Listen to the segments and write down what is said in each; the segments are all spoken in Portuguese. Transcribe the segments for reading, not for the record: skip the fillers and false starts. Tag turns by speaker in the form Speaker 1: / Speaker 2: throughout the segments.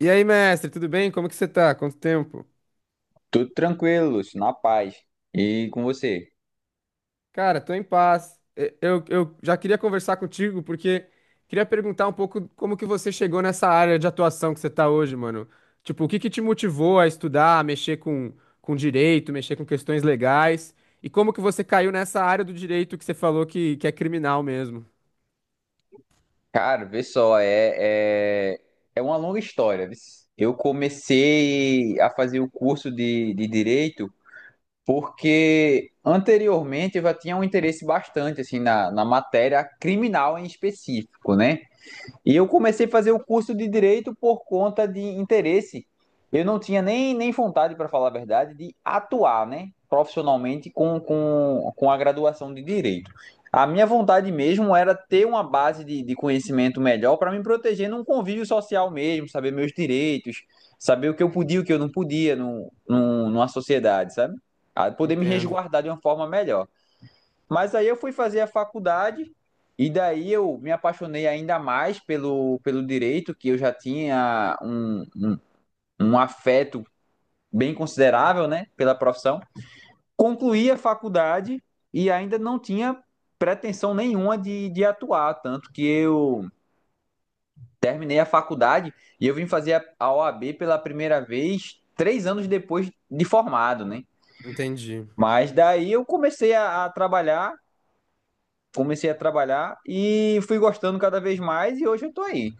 Speaker 1: E aí, mestre, tudo bem? Como que você tá? Quanto tempo?
Speaker 2: Tudo tranquilo, Lúcio, na paz. E com você?
Speaker 1: Cara, tô em paz. Eu já queria conversar contigo porque queria perguntar um pouco como que você chegou nessa área de atuação que você tá hoje, mano. Tipo, o que que te motivou a estudar, a mexer com direito, mexer com questões legais? E como que você caiu nessa área do direito que você falou que é criminal mesmo?
Speaker 2: Cara, vê só, é uma longa história, viu? Eu comecei a fazer o curso de direito porque anteriormente eu já tinha um interesse bastante assim na matéria criminal em específico, né? E eu comecei a fazer o curso de direito por conta de interesse. Eu não tinha nem vontade, para falar a verdade, de atuar, né, profissionalmente com a graduação de direito. A minha vontade mesmo era ter uma base de conhecimento melhor para me proteger num convívio social mesmo, saber meus direitos, saber o que eu podia e o que eu não podia numa sociedade, sabe? Ah, poder me
Speaker 1: Entendo,
Speaker 2: resguardar de uma forma melhor. Mas aí eu fui fazer a faculdade e daí eu me apaixonei ainda mais pelo direito, que eu já tinha um afeto bem considerável, né, pela profissão. Concluí a faculdade e ainda não tinha pretensão nenhuma de atuar, tanto que eu terminei a faculdade e eu vim fazer a OAB pela primeira vez 3 anos depois de formado, né?
Speaker 1: entendi.
Speaker 2: Mas daí eu comecei a trabalhar e fui gostando cada vez mais e hoje eu tô aí.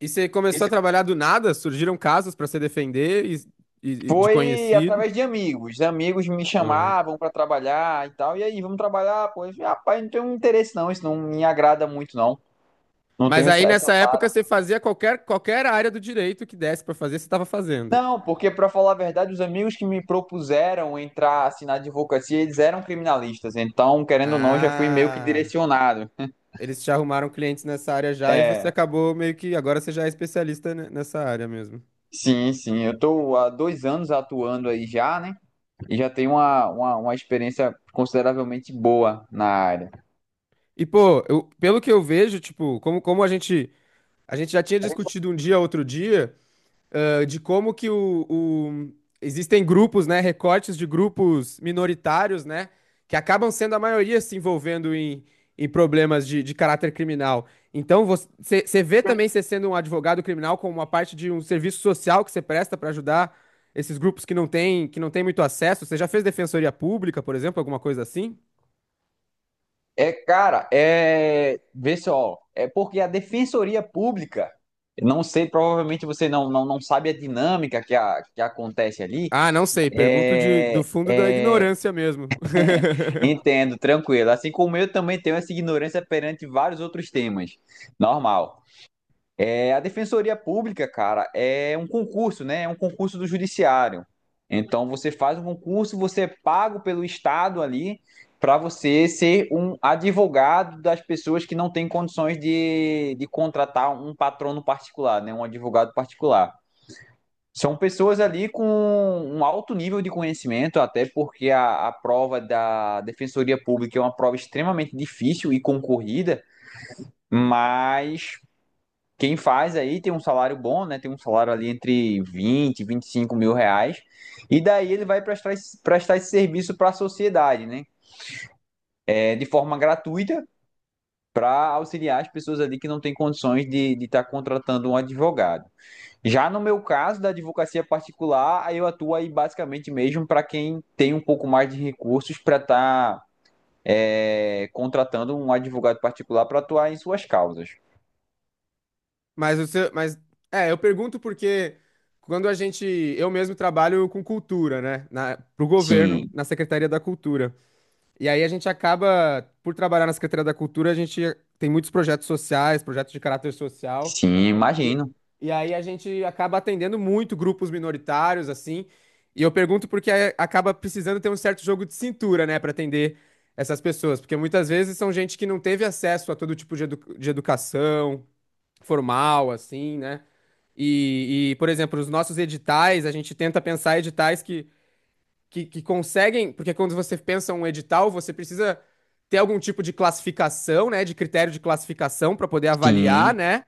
Speaker 1: E você começou a trabalhar do nada? Surgiram casos pra você defender e de
Speaker 2: Foi
Speaker 1: conhecidos?
Speaker 2: através de amigos. Amigos me
Speaker 1: Aham.
Speaker 2: chamavam para trabalhar e tal. E aí, vamos trabalhar? Pô, eu falei, rapaz, não tenho interesse não, isso não me agrada muito não. Não tenho
Speaker 1: Mas aí
Speaker 2: essa
Speaker 1: nessa época
Speaker 2: tara.
Speaker 1: você fazia qualquer área do direito que desse pra fazer, você tava fazendo.
Speaker 2: Não, porque para falar a verdade, os amigos que me propuseram entrar assim, na advocacia, eles eram criminalistas. Então, querendo ou não, já fui meio que
Speaker 1: Ah,
Speaker 2: direcionado.
Speaker 1: eles te arrumaram clientes nessa área já e você
Speaker 2: É,
Speaker 1: acabou meio que agora você já é especialista ne- nessa área mesmo.
Speaker 2: sim, sim. Eu tô há 2 anos atuando aí já, né? E já tem uma experiência consideravelmente boa na área.
Speaker 1: E pô, eu- pelo que eu vejo, tipo, como, como a gente já tinha discutido um dia, outro dia, ah, de como que existem grupos, né, recortes de grupos minoritários, né, que acabam sendo a maioria se envolvendo em, em problemas de caráter criminal. Então, você vê também você sendo um advogado criminal como uma parte de um serviço social que você presta para ajudar esses grupos que não têm muito acesso. Você já fez defensoria pública, por exemplo, alguma coisa assim?
Speaker 2: É, cara, é. Vê só, é porque a Defensoria Pública, não sei, provavelmente você não sabe a dinâmica que acontece ali.
Speaker 1: Ah, não sei. Pergunto de, do
Speaker 2: É,
Speaker 1: fundo da
Speaker 2: é,
Speaker 1: ignorância mesmo.
Speaker 2: entendo, tranquilo. Assim como eu também tenho essa ignorância perante vários outros temas. Normal. É, a Defensoria Pública, cara, é um concurso, né? É um concurso do Judiciário. Então você faz um concurso, você é pago pelo Estado ali para você ser um advogado das pessoas que não têm condições de contratar um patrono particular, né? Um advogado particular. São pessoas ali com um alto nível de conhecimento, até porque a prova da Defensoria Pública é uma prova extremamente difícil e concorrida, mas quem faz aí tem um salário bom, né? Tem um salário ali entre 20 e 25 mil reais. E daí ele vai prestar esse serviço para a sociedade, né? É, de forma gratuita, para auxiliar as pessoas ali que não têm condições de estar contratando um advogado. Já no meu caso, da advocacia particular, aí eu atuo aí basicamente mesmo para quem tem um pouco mais de recursos para estar contratando um advogado particular para atuar em suas causas.
Speaker 1: Mas o seu, mas é, eu pergunto porque quando a gente, eu mesmo trabalho com cultura, né, na, pro governo,
Speaker 2: Sim,
Speaker 1: na Secretaria da Cultura. E aí a gente acaba por trabalhar na Secretaria da Cultura, a gente tem muitos projetos sociais, projetos de caráter social.
Speaker 2: sim,
Speaker 1: E,
Speaker 2: imagino.
Speaker 1: e aí a gente acaba atendendo muito grupos minoritários assim. E eu pergunto porque é- acaba precisando ter um certo jogo de cintura, né, para atender essas pessoas, porque muitas vezes são gente que não teve acesso a todo tipo de edu- de educação formal, assim, né? E, por exemplo, os nossos editais, a gente tenta pensar editais que conseguem, porque quando você pensa um edital, você precisa ter algum tipo de classificação, né, de critério de classificação para poder avaliar,
Speaker 2: Sim,
Speaker 1: né?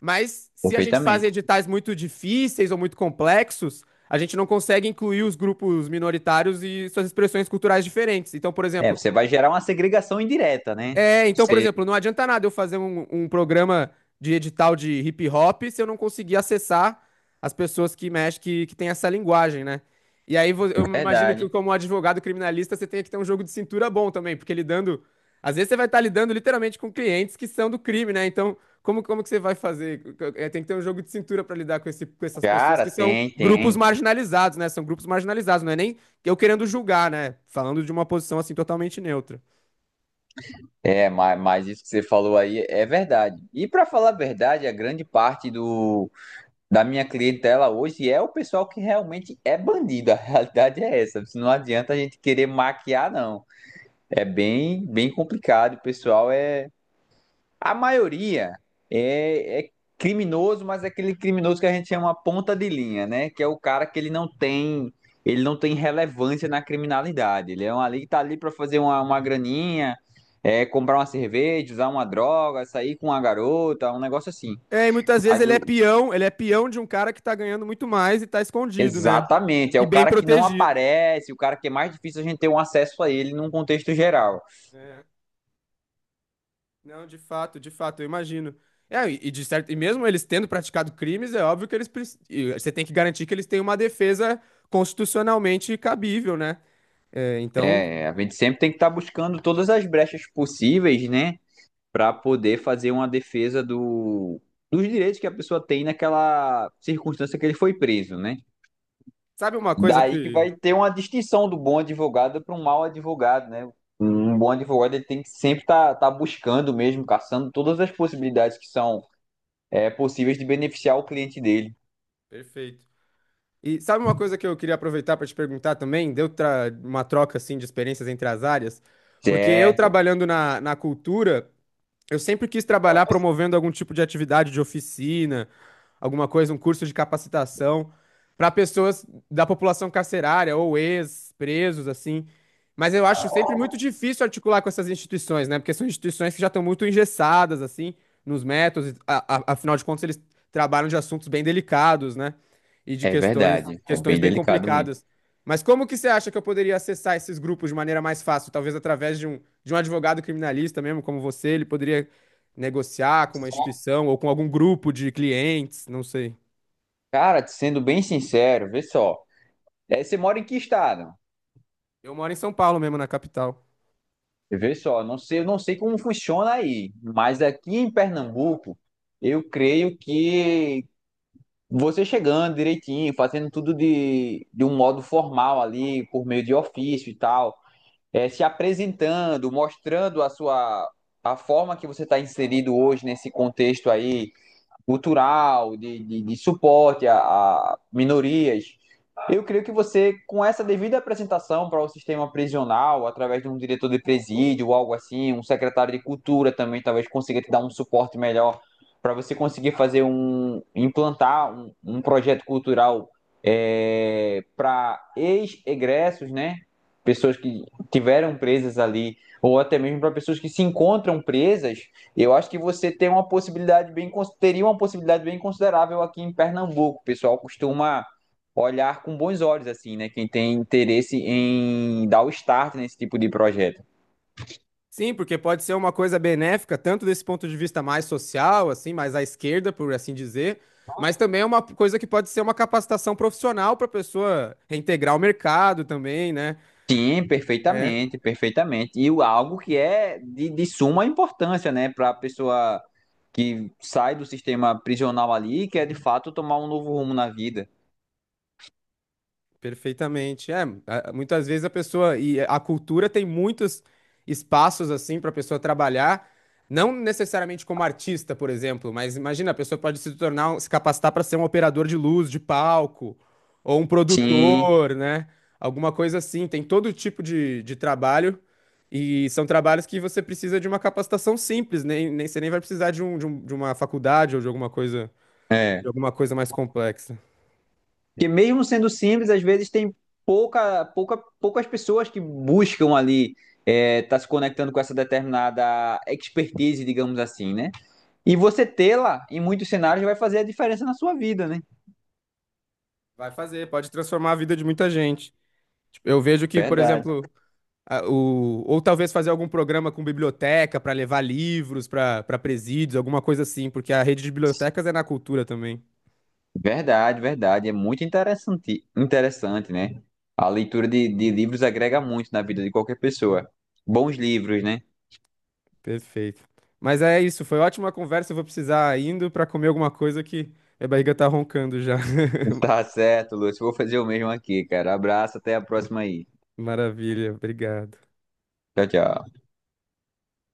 Speaker 1: Mas se a gente faz
Speaker 2: perfeitamente.
Speaker 1: editais muito difíceis ou muito complexos, a gente não consegue incluir os grupos minoritários e suas expressões culturais diferentes. Então, por
Speaker 2: É,
Speaker 1: exemplo,
Speaker 2: você vai gerar uma segregação indireta, né?
Speaker 1: é, então, por
Speaker 2: Você,
Speaker 1: exemplo, não adianta nada eu fazer um, um programa de edital de hip hop se eu não conseguir acessar as pessoas que mexem, que têm essa linguagem, né? E aí vo- eu imagino que,
Speaker 2: verdade,
Speaker 1: como advogado criminalista, você tem que ter um jogo de cintura bom também, porque lidando. Às vezes você vai estar lidando literalmente com clientes que são do crime, né? Então, como, como que você vai fazer? É, tem que ter um jogo de cintura para lidar com, esse, com essas pessoas
Speaker 2: cara,
Speaker 1: que são
Speaker 2: tem,
Speaker 1: grupos
Speaker 2: tem.
Speaker 1: marginalizados, né? São grupos marginalizados, não é nem eu querendo julgar, né? Falando de uma posição assim totalmente neutra.
Speaker 2: É, mas isso que você falou aí é verdade. E para falar a verdade, a grande parte da minha clientela hoje é o pessoal que realmente é bandido. A realidade é essa. Não adianta a gente querer maquiar, não. É bem, bem complicado. O pessoal é a maioria é criminoso, mas é aquele criminoso que a gente chama ponta de linha, né? Que é o cara que ele não tem relevância na criminalidade. Ele é um ali que tá ali para fazer uma graninha, é, comprar uma cerveja, usar uma droga, sair com uma garota, um negócio assim.
Speaker 1: É, e muitas vezes
Speaker 2: Mas o-
Speaker 1: ele é peão de um cara que tá ganhando muito mais e tá escondido, né?
Speaker 2: Exatamente, é
Speaker 1: E
Speaker 2: o
Speaker 1: bem
Speaker 2: cara que não
Speaker 1: protegido.
Speaker 2: aparece, o cara que é mais difícil a gente ter um acesso a ele num contexto geral.
Speaker 1: É. Não, de fato, eu imagino. É, e de certo, e mesmo eles tendo praticado crimes, é óbvio que eles preci- e você tem que garantir que eles têm uma defesa constitucionalmente cabível, né? É, então,
Speaker 2: É, a gente sempre tem que estar buscando todas as brechas possíveis, né? Para poder fazer uma defesa dos direitos que a pessoa tem naquela circunstância que ele foi preso, né?
Speaker 1: sabe uma coisa
Speaker 2: Daí que
Speaker 1: que
Speaker 2: vai ter uma distinção do bom advogado para um mau advogado, né? Um bom advogado ele tem que sempre tá buscando mesmo, caçando todas as possibilidades que são possíveis de beneficiar o cliente dele.
Speaker 1: Perfeito. E sabe uma coisa que eu queria aproveitar para te perguntar também? Deu tra- uma troca assim de experiências entre as áreas, porque eu
Speaker 2: Certo,
Speaker 1: trabalhando na, na cultura eu sempre quis trabalhar promovendo algum tipo de atividade de oficina, alguma coisa, um curso de capacitação para pessoas da população carcerária ou ex-presos, assim. Mas eu acho sempre muito difícil articular com essas instituições, né? Porque são instituições que já estão muito engessadas, assim, nos métodos. A- afinal de contas, eles trabalham de assuntos bem delicados, né? E de
Speaker 2: é
Speaker 1: questões,
Speaker 2: verdade, é
Speaker 1: questões
Speaker 2: bem
Speaker 1: bem
Speaker 2: delicado mesmo.
Speaker 1: complicadas. Mas como que você acha que eu poderia acessar esses grupos de maneira mais fácil? Talvez através de um advogado criminalista mesmo, como você, ele poderia negociar com uma instituição ou com algum grupo de clientes, não sei.
Speaker 2: Cara, sendo bem sincero, vê só, você mora em que estado?
Speaker 1: Eu moro em São Paulo mesmo, na capital.
Speaker 2: E vê só, não sei, eu não sei como funciona aí, mas aqui em Pernambuco, eu creio que você chegando direitinho, fazendo tudo de um modo formal ali, por meio de ofício e tal, se apresentando, mostrando a forma que você está inserido hoje nesse contexto aí, cultural, de suporte a minorias. Eu creio que você, com essa devida apresentação para o sistema prisional, através de um diretor de presídio, algo assim, um secretário de cultura também, talvez consiga te dar um suporte melhor para você conseguir implantar um projeto cultural para ex-egressos, né? Pessoas que tiveram presas ali, ou até mesmo para pessoas que se encontram presas eu acho que você tem uma teria uma possibilidade bem considerável aqui em Pernambuco. O pessoal costuma olhar com bons olhos, assim, né? Quem tem interesse em dar o start nesse tipo de projeto.
Speaker 1: Sim, porque pode ser uma coisa benéfica, tanto desse ponto de vista mais social, assim, mais à esquerda, por assim dizer, mas também é uma coisa que pode ser uma capacitação profissional para a pessoa reintegrar o mercado também, né?
Speaker 2: Sim,
Speaker 1: É.
Speaker 2: perfeitamente, perfeitamente. Algo que é de suma importância, né, para a pessoa que sai do sistema prisional ali, que é de fato tomar um novo rumo na vida.
Speaker 1: Perfeitamente. É, a- muitas vezes a pessoa e a cultura tem muitos espaços assim para a pessoa trabalhar, não necessariamente como artista, por exemplo, mas imagina, a pessoa pode se tornar, um- se capacitar para ser um operador de luz, de palco, ou um
Speaker 2: Sim,
Speaker 1: produtor, né? Alguma coisa assim. Tem todo tipo de trabalho e são trabalhos que você precisa de uma capacitação simples, nem, nem você nem vai precisar de um, de um- de uma faculdade ou
Speaker 2: é.
Speaker 1: de alguma coisa mais complexa.
Speaker 2: Porque mesmo sendo simples, às vezes tem poucas pessoas que buscam ali tá se conectando com essa determinada expertise, digamos assim, né? E você tê-la em muitos cenários vai fazer a diferença na sua vida, né?
Speaker 1: Vai fazer, pode transformar a vida de muita gente. Tipo, eu vejo que, por
Speaker 2: Verdade,
Speaker 1: exemplo, a- o, ou talvez fazer algum programa com biblioteca para levar livros para para presídios, alguma coisa assim, porque a rede de bibliotecas é na cultura também.
Speaker 2: verdade, verdade. É muito interessante, interessante, né? A leitura de livros agrega muito na vida de qualquer pessoa. Bons livros, né?
Speaker 1: Perfeito. Mas é isso, foi ótima conversa. Eu vou precisar indo para comer alguma coisa que minha barriga tá roncando já.
Speaker 2: Tá certo, Lúcio. Vou fazer o mesmo aqui, cara. Abraço, até a próxima aí.
Speaker 1: Maravilha, obrigado.
Speaker 2: Tchau, tchau.